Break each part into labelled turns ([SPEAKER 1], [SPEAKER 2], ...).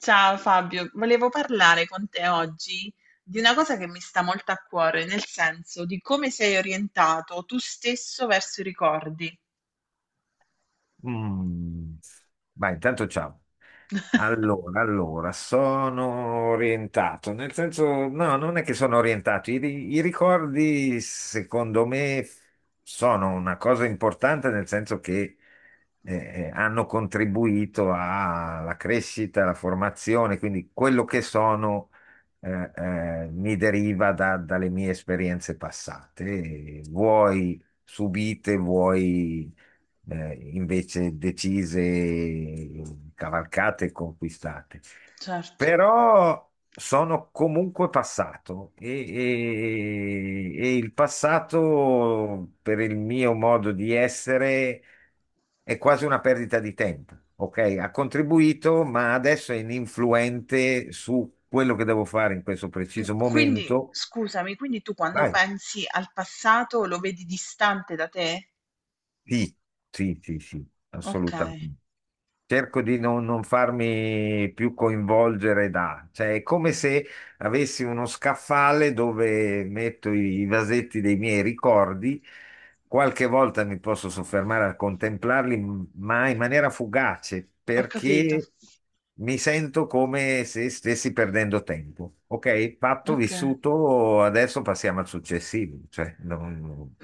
[SPEAKER 1] Ciao Fabio, volevo parlare con te oggi di una cosa che mi sta molto a cuore, nel senso di come sei orientato tu stesso verso i ricordi.
[SPEAKER 2] Mm. Vai, intanto ciao. Allora, sono orientato, nel senso, no, non è che sono orientato, i ricordi secondo me sono una cosa importante nel senso che hanno contribuito alla crescita, alla formazione, quindi quello che sono mi deriva dalle mie esperienze passate, vuoi subite, vuoi invece decise, cavalcate e conquistate.
[SPEAKER 1] Certo.
[SPEAKER 2] Però sono comunque passato e il passato, per il mio modo di essere, è quasi una perdita di tempo. Ok, ha contribuito, ma adesso è ininfluente su quello che devo fare in questo
[SPEAKER 1] Mm,
[SPEAKER 2] preciso
[SPEAKER 1] quindi,
[SPEAKER 2] momento.
[SPEAKER 1] scusami, quindi tu quando
[SPEAKER 2] Vai.
[SPEAKER 1] pensi al passato lo vedi distante da te?
[SPEAKER 2] Sì, sì, sì, sì,
[SPEAKER 1] Ok,
[SPEAKER 2] assolutamente. Cerco di non farmi più coinvolgere da, cioè è come se avessi uno scaffale dove metto i vasetti dei miei ricordi, qualche volta mi posso soffermare a contemplarli, ma in maniera fugace,
[SPEAKER 1] ho capito.
[SPEAKER 2] perché mi sento come se stessi perdendo tempo. Ok, fatto,
[SPEAKER 1] Ok.
[SPEAKER 2] vissuto, adesso passiamo al successivo, cioè non,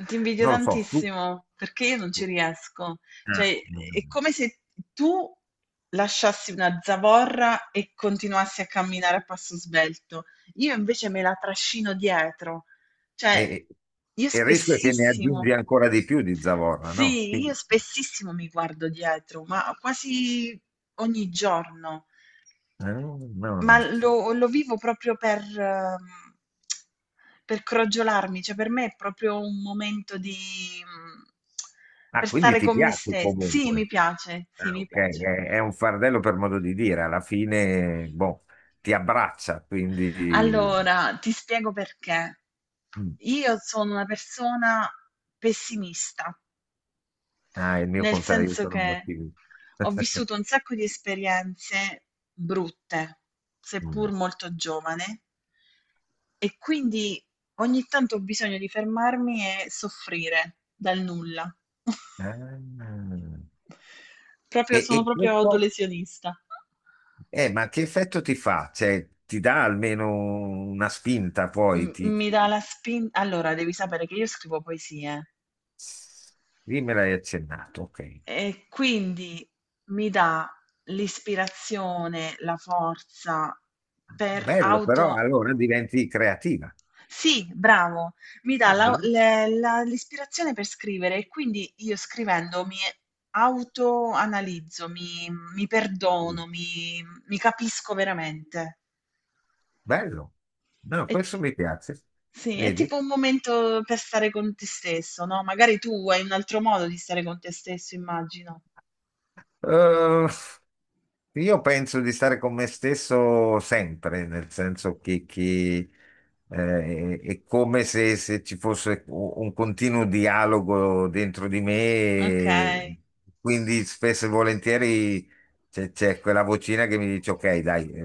[SPEAKER 1] Ti invidio
[SPEAKER 2] non lo so, tu.
[SPEAKER 1] tantissimo perché io non ci riesco.
[SPEAKER 2] Ah.
[SPEAKER 1] Cioè,
[SPEAKER 2] No, no,
[SPEAKER 1] è
[SPEAKER 2] no.
[SPEAKER 1] come se tu lasciassi una zavorra e continuassi a camminare a passo svelto. Io invece me la trascino dietro.
[SPEAKER 2] E,
[SPEAKER 1] Cioè, io
[SPEAKER 2] e il rischio è che ne
[SPEAKER 1] spessissimo,
[SPEAKER 2] aggiungi ancora di più di zavorra, no?
[SPEAKER 1] sì,
[SPEAKER 2] Quindi-
[SPEAKER 1] io spessissimo mi guardo dietro, ma quasi ogni giorno.
[SPEAKER 2] no,
[SPEAKER 1] Ma
[SPEAKER 2] no.
[SPEAKER 1] lo vivo proprio per per crogiolarmi, cioè per me è proprio un momento di
[SPEAKER 2] Ah,
[SPEAKER 1] per
[SPEAKER 2] quindi
[SPEAKER 1] stare
[SPEAKER 2] ti
[SPEAKER 1] con me
[SPEAKER 2] piace
[SPEAKER 1] stes sì, mi
[SPEAKER 2] comunque.
[SPEAKER 1] piace, sì,
[SPEAKER 2] Ah,
[SPEAKER 1] mi
[SPEAKER 2] ok,
[SPEAKER 1] piace.
[SPEAKER 2] è un fardello per modo di dire, alla fine, boh, ti abbraccia, quindi.
[SPEAKER 1] Allora, ti spiego perché.
[SPEAKER 2] Mm.
[SPEAKER 1] Io sono una persona pessimista,
[SPEAKER 2] Ah, è il mio
[SPEAKER 1] nel
[SPEAKER 2] contrario, io
[SPEAKER 1] senso
[SPEAKER 2] sono un
[SPEAKER 1] che
[SPEAKER 2] ottimista.
[SPEAKER 1] ho vissuto un sacco di esperienze brutte,
[SPEAKER 2] Mm.
[SPEAKER 1] seppur molto giovane. E quindi ogni tanto ho bisogno di fermarmi e soffrire dal nulla.
[SPEAKER 2] Ah. E,
[SPEAKER 1] Proprio,
[SPEAKER 2] e
[SPEAKER 1] sono proprio
[SPEAKER 2] questo,
[SPEAKER 1] autolesionista.
[SPEAKER 2] ma che effetto ti fa? Cioè, ti dà almeno una spinta poi? Ti.
[SPEAKER 1] Mi dà la spinta. Allora, devi sapere che io scrivo poesie
[SPEAKER 2] Sì, me l'hai accennato, ok.
[SPEAKER 1] e quindi mi dà l'ispirazione, la forza per
[SPEAKER 2] Bello, però
[SPEAKER 1] auto
[SPEAKER 2] allora diventi creativa.
[SPEAKER 1] Sì, bravo, mi dà
[SPEAKER 2] Ah, bellissimo.
[SPEAKER 1] l'ispirazione per scrivere e quindi io scrivendo mi autoanalizzo, mi perdono, mi capisco veramente.
[SPEAKER 2] Bello. No,
[SPEAKER 1] È,
[SPEAKER 2] questo
[SPEAKER 1] t-
[SPEAKER 2] mi piace.
[SPEAKER 1] sì, è
[SPEAKER 2] Vedi?
[SPEAKER 1] tipo un momento per stare con te stesso, no? Magari tu hai un altro modo di stare con te stesso, immagino.
[SPEAKER 2] Eh, Io penso di stare con me stesso sempre, nel senso che, è come se ci fosse un continuo dialogo dentro di
[SPEAKER 1] Ok.
[SPEAKER 2] me, quindi spesso e volentieri c'è quella vocina che mi dice: Ok, dai,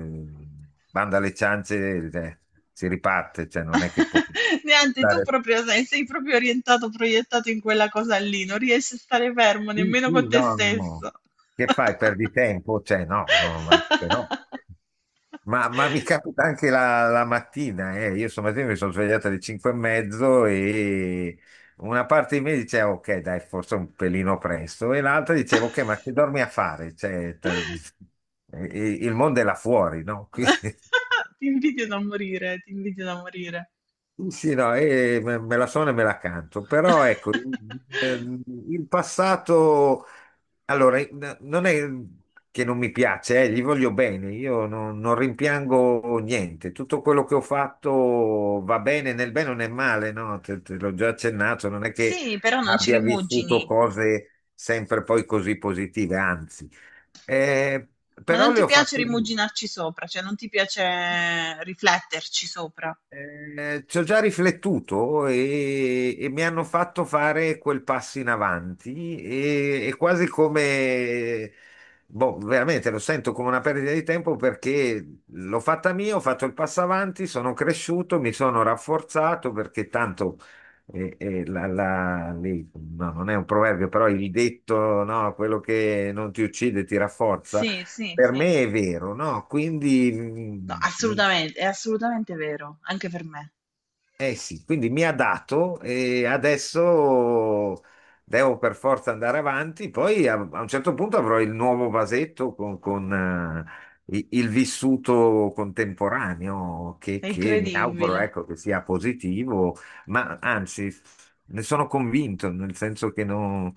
[SPEAKER 2] banda alle ciance, si riparte, cioè non è che può
[SPEAKER 1] Niente, tu
[SPEAKER 2] stare.
[SPEAKER 1] proprio sei proprio orientato, proiettato in quella cosa lì, non riesci a stare fermo
[SPEAKER 2] Sì,
[SPEAKER 1] nemmeno con
[SPEAKER 2] sì,
[SPEAKER 1] te
[SPEAKER 2] no, no.
[SPEAKER 1] stesso.
[SPEAKER 2] Che fai? Perdi tempo? Cioè, no, no, ma che no. Ma, mi capita anche la mattina, eh. Io stamattina mi sono svegliato alle 5 e mezzo e una parte di me diceva, ok, dai, forse un pelino presto, e l'altra diceva, ok, ma che dormi a fare? Cioè, il mondo è là fuori, no? Qui-
[SPEAKER 1] Ti invidio da morire, ti invidio da morire.
[SPEAKER 2] Sì, no, me la sono e me la canto, però ecco, ehm, il passato, allora, non è che non mi piace, gli voglio bene, io non rimpiango niente, tutto quello che ho fatto va bene, nel bene o nel male, no? Te, l'ho già accennato, non è che
[SPEAKER 1] Sì, però non ci
[SPEAKER 2] abbia vissuto
[SPEAKER 1] rimugini,
[SPEAKER 2] cose sempre poi così positive, anzi, Eh,
[SPEAKER 1] ma
[SPEAKER 2] però
[SPEAKER 1] non ti
[SPEAKER 2] le ho
[SPEAKER 1] piace
[SPEAKER 2] fatte mie.
[SPEAKER 1] rimuginarci sopra, cioè non ti piace rifletterci sopra.
[SPEAKER 2] Ci ho già riflettuto e mi hanno fatto fare quel passo in avanti e, è quasi come, boh, veramente lo sento come una perdita di tempo perché l'ho fatta mia, ho fatto il passo avanti, sono cresciuto, mi sono rafforzato perché tanto eh, eh, la- la- lì- no, non è un proverbio, però il detto, no, quello che non ti uccide ti rafforza.
[SPEAKER 1] Sì, sì,
[SPEAKER 2] Per
[SPEAKER 1] sì.
[SPEAKER 2] me è vero, no? Quindi
[SPEAKER 1] No,
[SPEAKER 2] mh,
[SPEAKER 1] assolutamente, è assolutamente vero, anche per me.
[SPEAKER 2] eh sì, quindi mi ha dato e adesso devo per forza andare avanti. Poi a un certo punto avrò il nuovo vasetto con, il vissuto contemporaneo che,
[SPEAKER 1] È
[SPEAKER 2] che mi auguro,
[SPEAKER 1] incredibile.
[SPEAKER 2] ecco, che sia positivo, ma anzi, ne sono convinto, nel senso che non,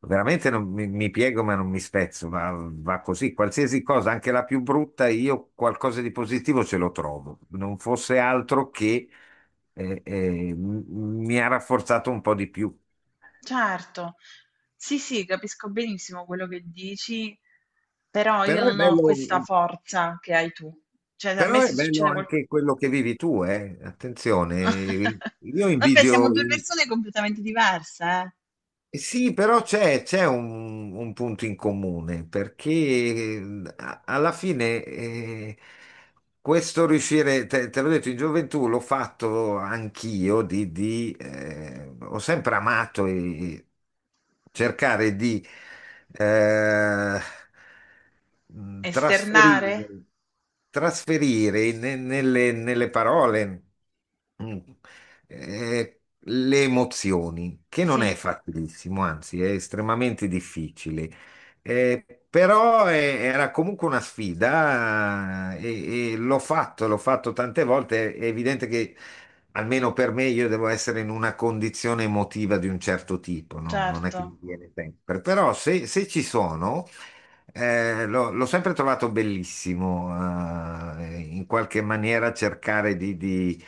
[SPEAKER 2] veramente non mi piego, ma non mi spezzo, va, va così. Qualsiasi cosa, anche la più brutta, io qualcosa di positivo ce lo trovo. Non fosse altro che e- e m- mi ha rafforzato un po' di più.
[SPEAKER 1] Certo. Sì, sì, capisco benissimo quello che dici, però io
[SPEAKER 2] Però è
[SPEAKER 1] non ho
[SPEAKER 2] bello,
[SPEAKER 1] questa forza che hai tu. Cioè, se a me
[SPEAKER 2] però è
[SPEAKER 1] se
[SPEAKER 2] bello
[SPEAKER 1] succede qualcosa...
[SPEAKER 2] anche quello che vivi tu, eh. Attenzione, io
[SPEAKER 1] Vabbè, siamo
[SPEAKER 2] invidio,
[SPEAKER 1] due
[SPEAKER 2] in-
[SPEAKER 1] persone completamente diverse, eh?
[SPEAKER 2] Eh sì, però c'è un punto in comune, perché alla fine questo riuscire, te, l'ho detto, in gioventù l'ho fatto anch'io, di, ho sempre amato e cercare di. eh, mh,
[SPEAKER 1] Esternare?
[SPEAKER 2] trasferire, trasferire nelle parole mh, eh, le emozioni, che non è
[SPEAKER 1] Sì,
[SPEAKER 2] facilissimo, anzi è estremamente difficile. Però era comunque una sfida e l'ho fatto tante volte. È evidente che almeno per me io devo essere in una condizione emotiva di un certo tipo, non è che
[SPEAKER 1] certo.
[SPEAKER 2] mi viene sempre. Però se ci sono, l'ho sempre trovato bellissimo, in qualche maniera cercare di, di,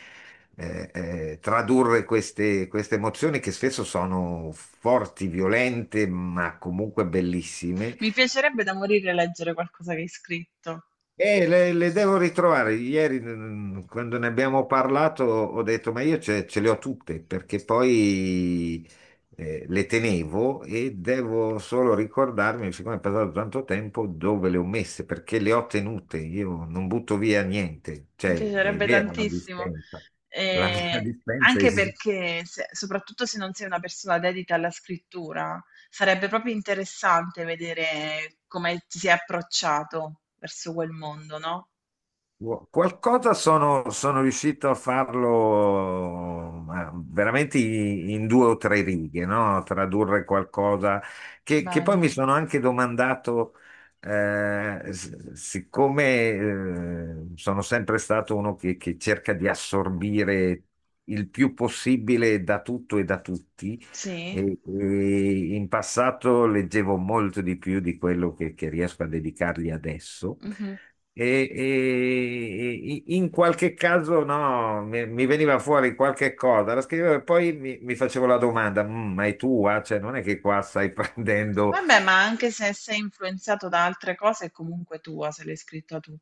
[SPEAKER 2] eh, eh, tradurre queste emozioni che spesso sono forti, violente, ma comunque bellissime,
[SPEAKER 1] Mi piacerebbe da morire leggere qualcosa che hai scritto.
[SPEAKER 2] Le devo ritrovare. Ieri, quando ne abbiamo parlato, ho detto, ma io ce le ho tutte, perché poi le tenevo e devo solo ricordarmi, siccome è passato tanto tempo, dove le ho messe, perché le ho tenute. Io non butto via niente.
[SPEAKER 1] Mi
[SPEAKER 2] Cioè, è
[SPEAKER 1] piacerebbe
[SPEAKER 2] vero la
[SPEAKER 1] tantissimo,
[SPEAKER 2] dispensa. La mia
[SPEAKER 1] ehm,
[SPEAKER 2] dispensa
[SPEAKER 1] anche
[SPEAKER 2] esiste.
[SPEAKER 1] perché se soprattutto se non sei una persona dedita alla scrittura, sarebbe proprio interessante vedere come ti sei approcciato verso quel mondo, no.
[SPEAKER 2] Wow. Qualcosa sono riuscito a farlo ma veramente in due o tre righe, no? Tradurre qualcosa che poi mi
[SPEAKER 1] Bello.
[SPEAKER 2] sono anche domandato, siccome sono sempre stato uno che cerca di assorbire il più possibile da tutto e da tutti,
[SPEAKER 1] Sì?
[SPEAKER 2] e in passato leggevo molto di più di quello che riesco a dedicargli adesso.
[SPEAKER 1] Mh-mh.
[SPEAKER 2] E in qualche caso no, mi veniva fuori qualche cosa, la scrivevo e poi mi facevo la domanda: ma è tua? Cioè, non è che qua stai prendendo.
[SPEAKER 1] Vabbè, ma anche se sei influenzato da altre cose è comunque tua, se l'hai scritta tu.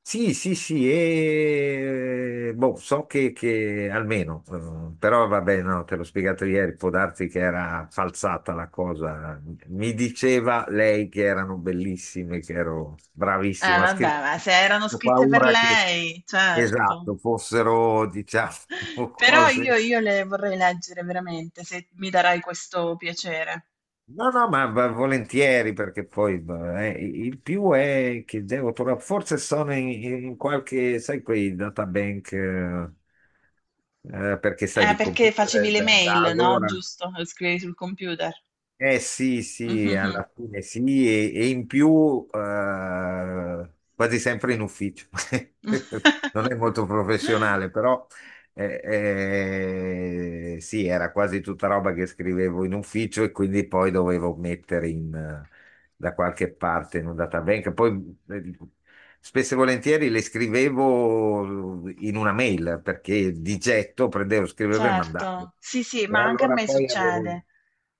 [SPEAKER 2] Sì, sì, sì, e boh, so che almeno, però vabbè, no, te l'ho spiegato ieri, può darsi che era falsata la cosa. Mi diceva lei che erano bellissime, che ero
[SPEAKER 1] Eh
[SPEAKER 2] bravissimo a
[SPEAKER 1] vabbè,
[SPEAKER 2] scrivere.
[SPEAKER 1] ma se erano
[SPEAKER 2] Ho
[SPEAKER 1] scritte per
[SPEAKER 2] paura che,
[SPEAKER 1] lei, certo.
[SPEAKER 2] esatto, fossero, diciamo,
[SPEAKER 1] Però
[SPEAKER 2] cose.
[SPEAKER 1] io le vorrei leggere veramente, se mi darai questo piacere.
[SPEAKER 2] No, no, ma volentieri perché poi beh, il più è che devo trovare, forse sono in qualche, sai, quei databank, perché sai, di
[SPEAKER 1] Perché
[SPEAKER 2] computer
[SPEAKER 1] facevi le
[SPEAKER 2] da
[SPEAKER 1] mail, no?
[SPEAKER 2] allora.
[SPEAKER 1] Giusto? Le scrivevi sul computer.
[SPEAKER 2] Eh sì, sì,
[SPEAKER 1] Mhm.
[SPEAKER 2] alla fine sì, e in più quasi sempre in ufficio. Non è molto professionale, però eh, eh, sì, era quasi tutta roba che scrivevo in ufficio e quindi poi dovevo mettere in, da qualche parte in un databank. Poi spesso e volentieri le scrivevo in una mail perché di getto prendevo, scrivevo e mandavo.
[SPEAKER 1] Certo, sì, sì,
[SPEAKER 2] E
[SPEAKER 1] ma anche a
[SPEAKER 2] allora
[SPEAKER 1] me
[SPEAKER 2] poi avevo,
[SPEAKER 1] succede.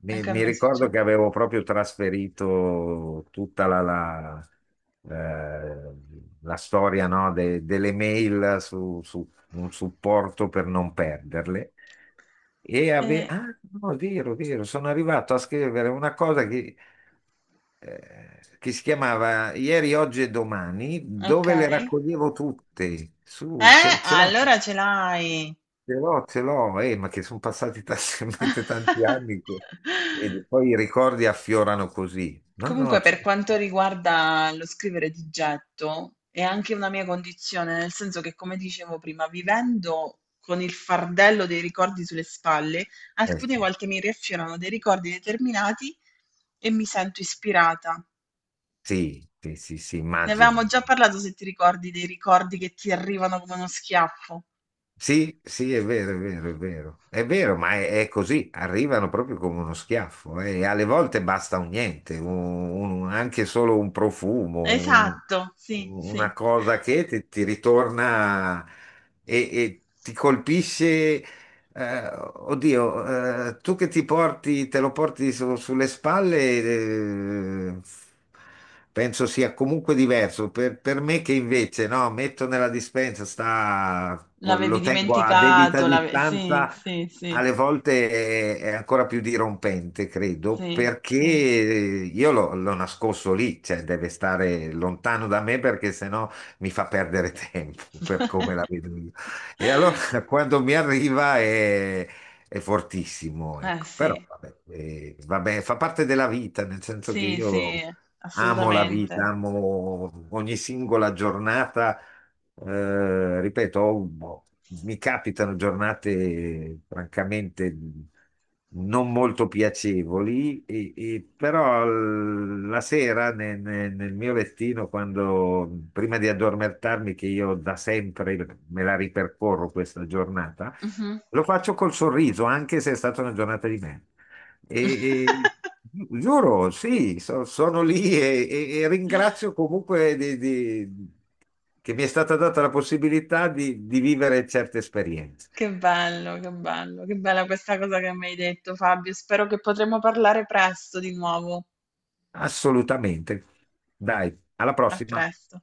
[SPEAKER 2] mi,
[SPEAKER 1] Anche a
[SPEAKER 2] mi
[SPEAKER 1] me
[SPEAKER 2] ricordo
[SPEAKER 1] succede.
[SPEAKER 2] che avevo proprio trasferito tutta eh, la storia, no, delle mail su un supporto per non perderle. E
[SPEAKER 1] Eh,
[SPEAKER 2] ah, no, è vero, sono arrivato a scrivere una cosa che si chiamava Ieri, Oggi e Domani,
[SPEAKER 1] ok.
[SPEAKER 2] dove le raccoglievo tutte. Su, ce l'ho,
[SPEAKER 1] Allora ce l'hai.
[SPEAKER 2] ce l'ho, ce l'ho, ma che sono passati talmente tanti anni che vedi, poi i ricordi affiorano così. No, no,
[SPEAKER 1] Comunque, per
[SPEAKER 2] certo.
[SPEAKER 1] quanto riguarda lo scrivere di getto, è anche una mia condizione, nel senso che, come dicevo prima, vivendo con il fardello dei ricordi sulle spalle, alcune
[SPEAKER 2] Sì,
[SPEAKER 1] volte mi riaffiorano dei ricordi determinati e mi sento ispirata.
[SPEAKER 2] sì, sì, sì, sì,
[SPEAKER 1] Ne avevamo
[SPEAKER 2] immagino.
[SPEAKER 1] già parlato, se ti ricordi, dei ricordi che ti arrivano come uno schiaffo.
[SPEAKER 2] Sì, sì, è vero, è vero, è vero. È vero, ma è così, arrivano proprio come uno schiaffo e alle volte basta un niente, anche solo un profumo,
[SPEAKER 1] Esatto, sì, sì.
[SPEAKER 2] una cosa che ti ritorna e ti colpisce oddio, tu che ti porti, te lo porti sulle spalle, penso sia comunque diverso. Per, me che invece, no, metto nella dispensa, sta, lo tengo a debita
[SPEAKER 1] Sì,
[SPEAKER 2] distanza,
[SPEAKER 1] sì, sì,
[SPEAKER 2] alle volte è ancora più dirompente, credo,
[SPEAKER 1] sì,
[SPEAKER 2] perché
[SPEAKER 1] sì.
[SPEAKER 2] io l'ho nascosto lì, cioè deve stare lontano da me perché sennò mi fa perdere tempo per come la vedo io. E allora cioè, quando mi arriva è fortissimo,
[SPEAKER 1] Eh
[SPEAKER 2] ecco. Però
[SPEAKER 1] sì,
[SPEAKER 2] vabbè, vabbè, fa parte della vita, nel senso che
[SPEAKER 1] sì, sì,
[SPEAKER 2] io amo la vita,
[SPEAKER 1] assolutamente.
[SPEAKER 2] amo ogni singola giornata. Ripeto, mi capitano giornate francamente non molto piacevoli, e però la sera nel mio lettino, quando, prima di addormentarmi, che io da sempre me la ripercorro questa giornata,
[SPEAKER 1] Mhm.
[SPEAKER 2] lo faccio col sorriso, anche se è stata una giornata di merda. E, e- Giuro, sì, sono lì e ringrazio comunque che mi è stata data la possibilità di vivere certe esperienze.
[SPEAKER 1] Che bello, che bello, che bella questa cosa che mi hai detto, Fabio. Spero che potremo parlare presto di nuovo.
[SPEAKER 2] Assolutamente. Dai, alla
[SPEAKER 1] A
[SPEAKER 2] prossima.
[SPEAKER 1] presto.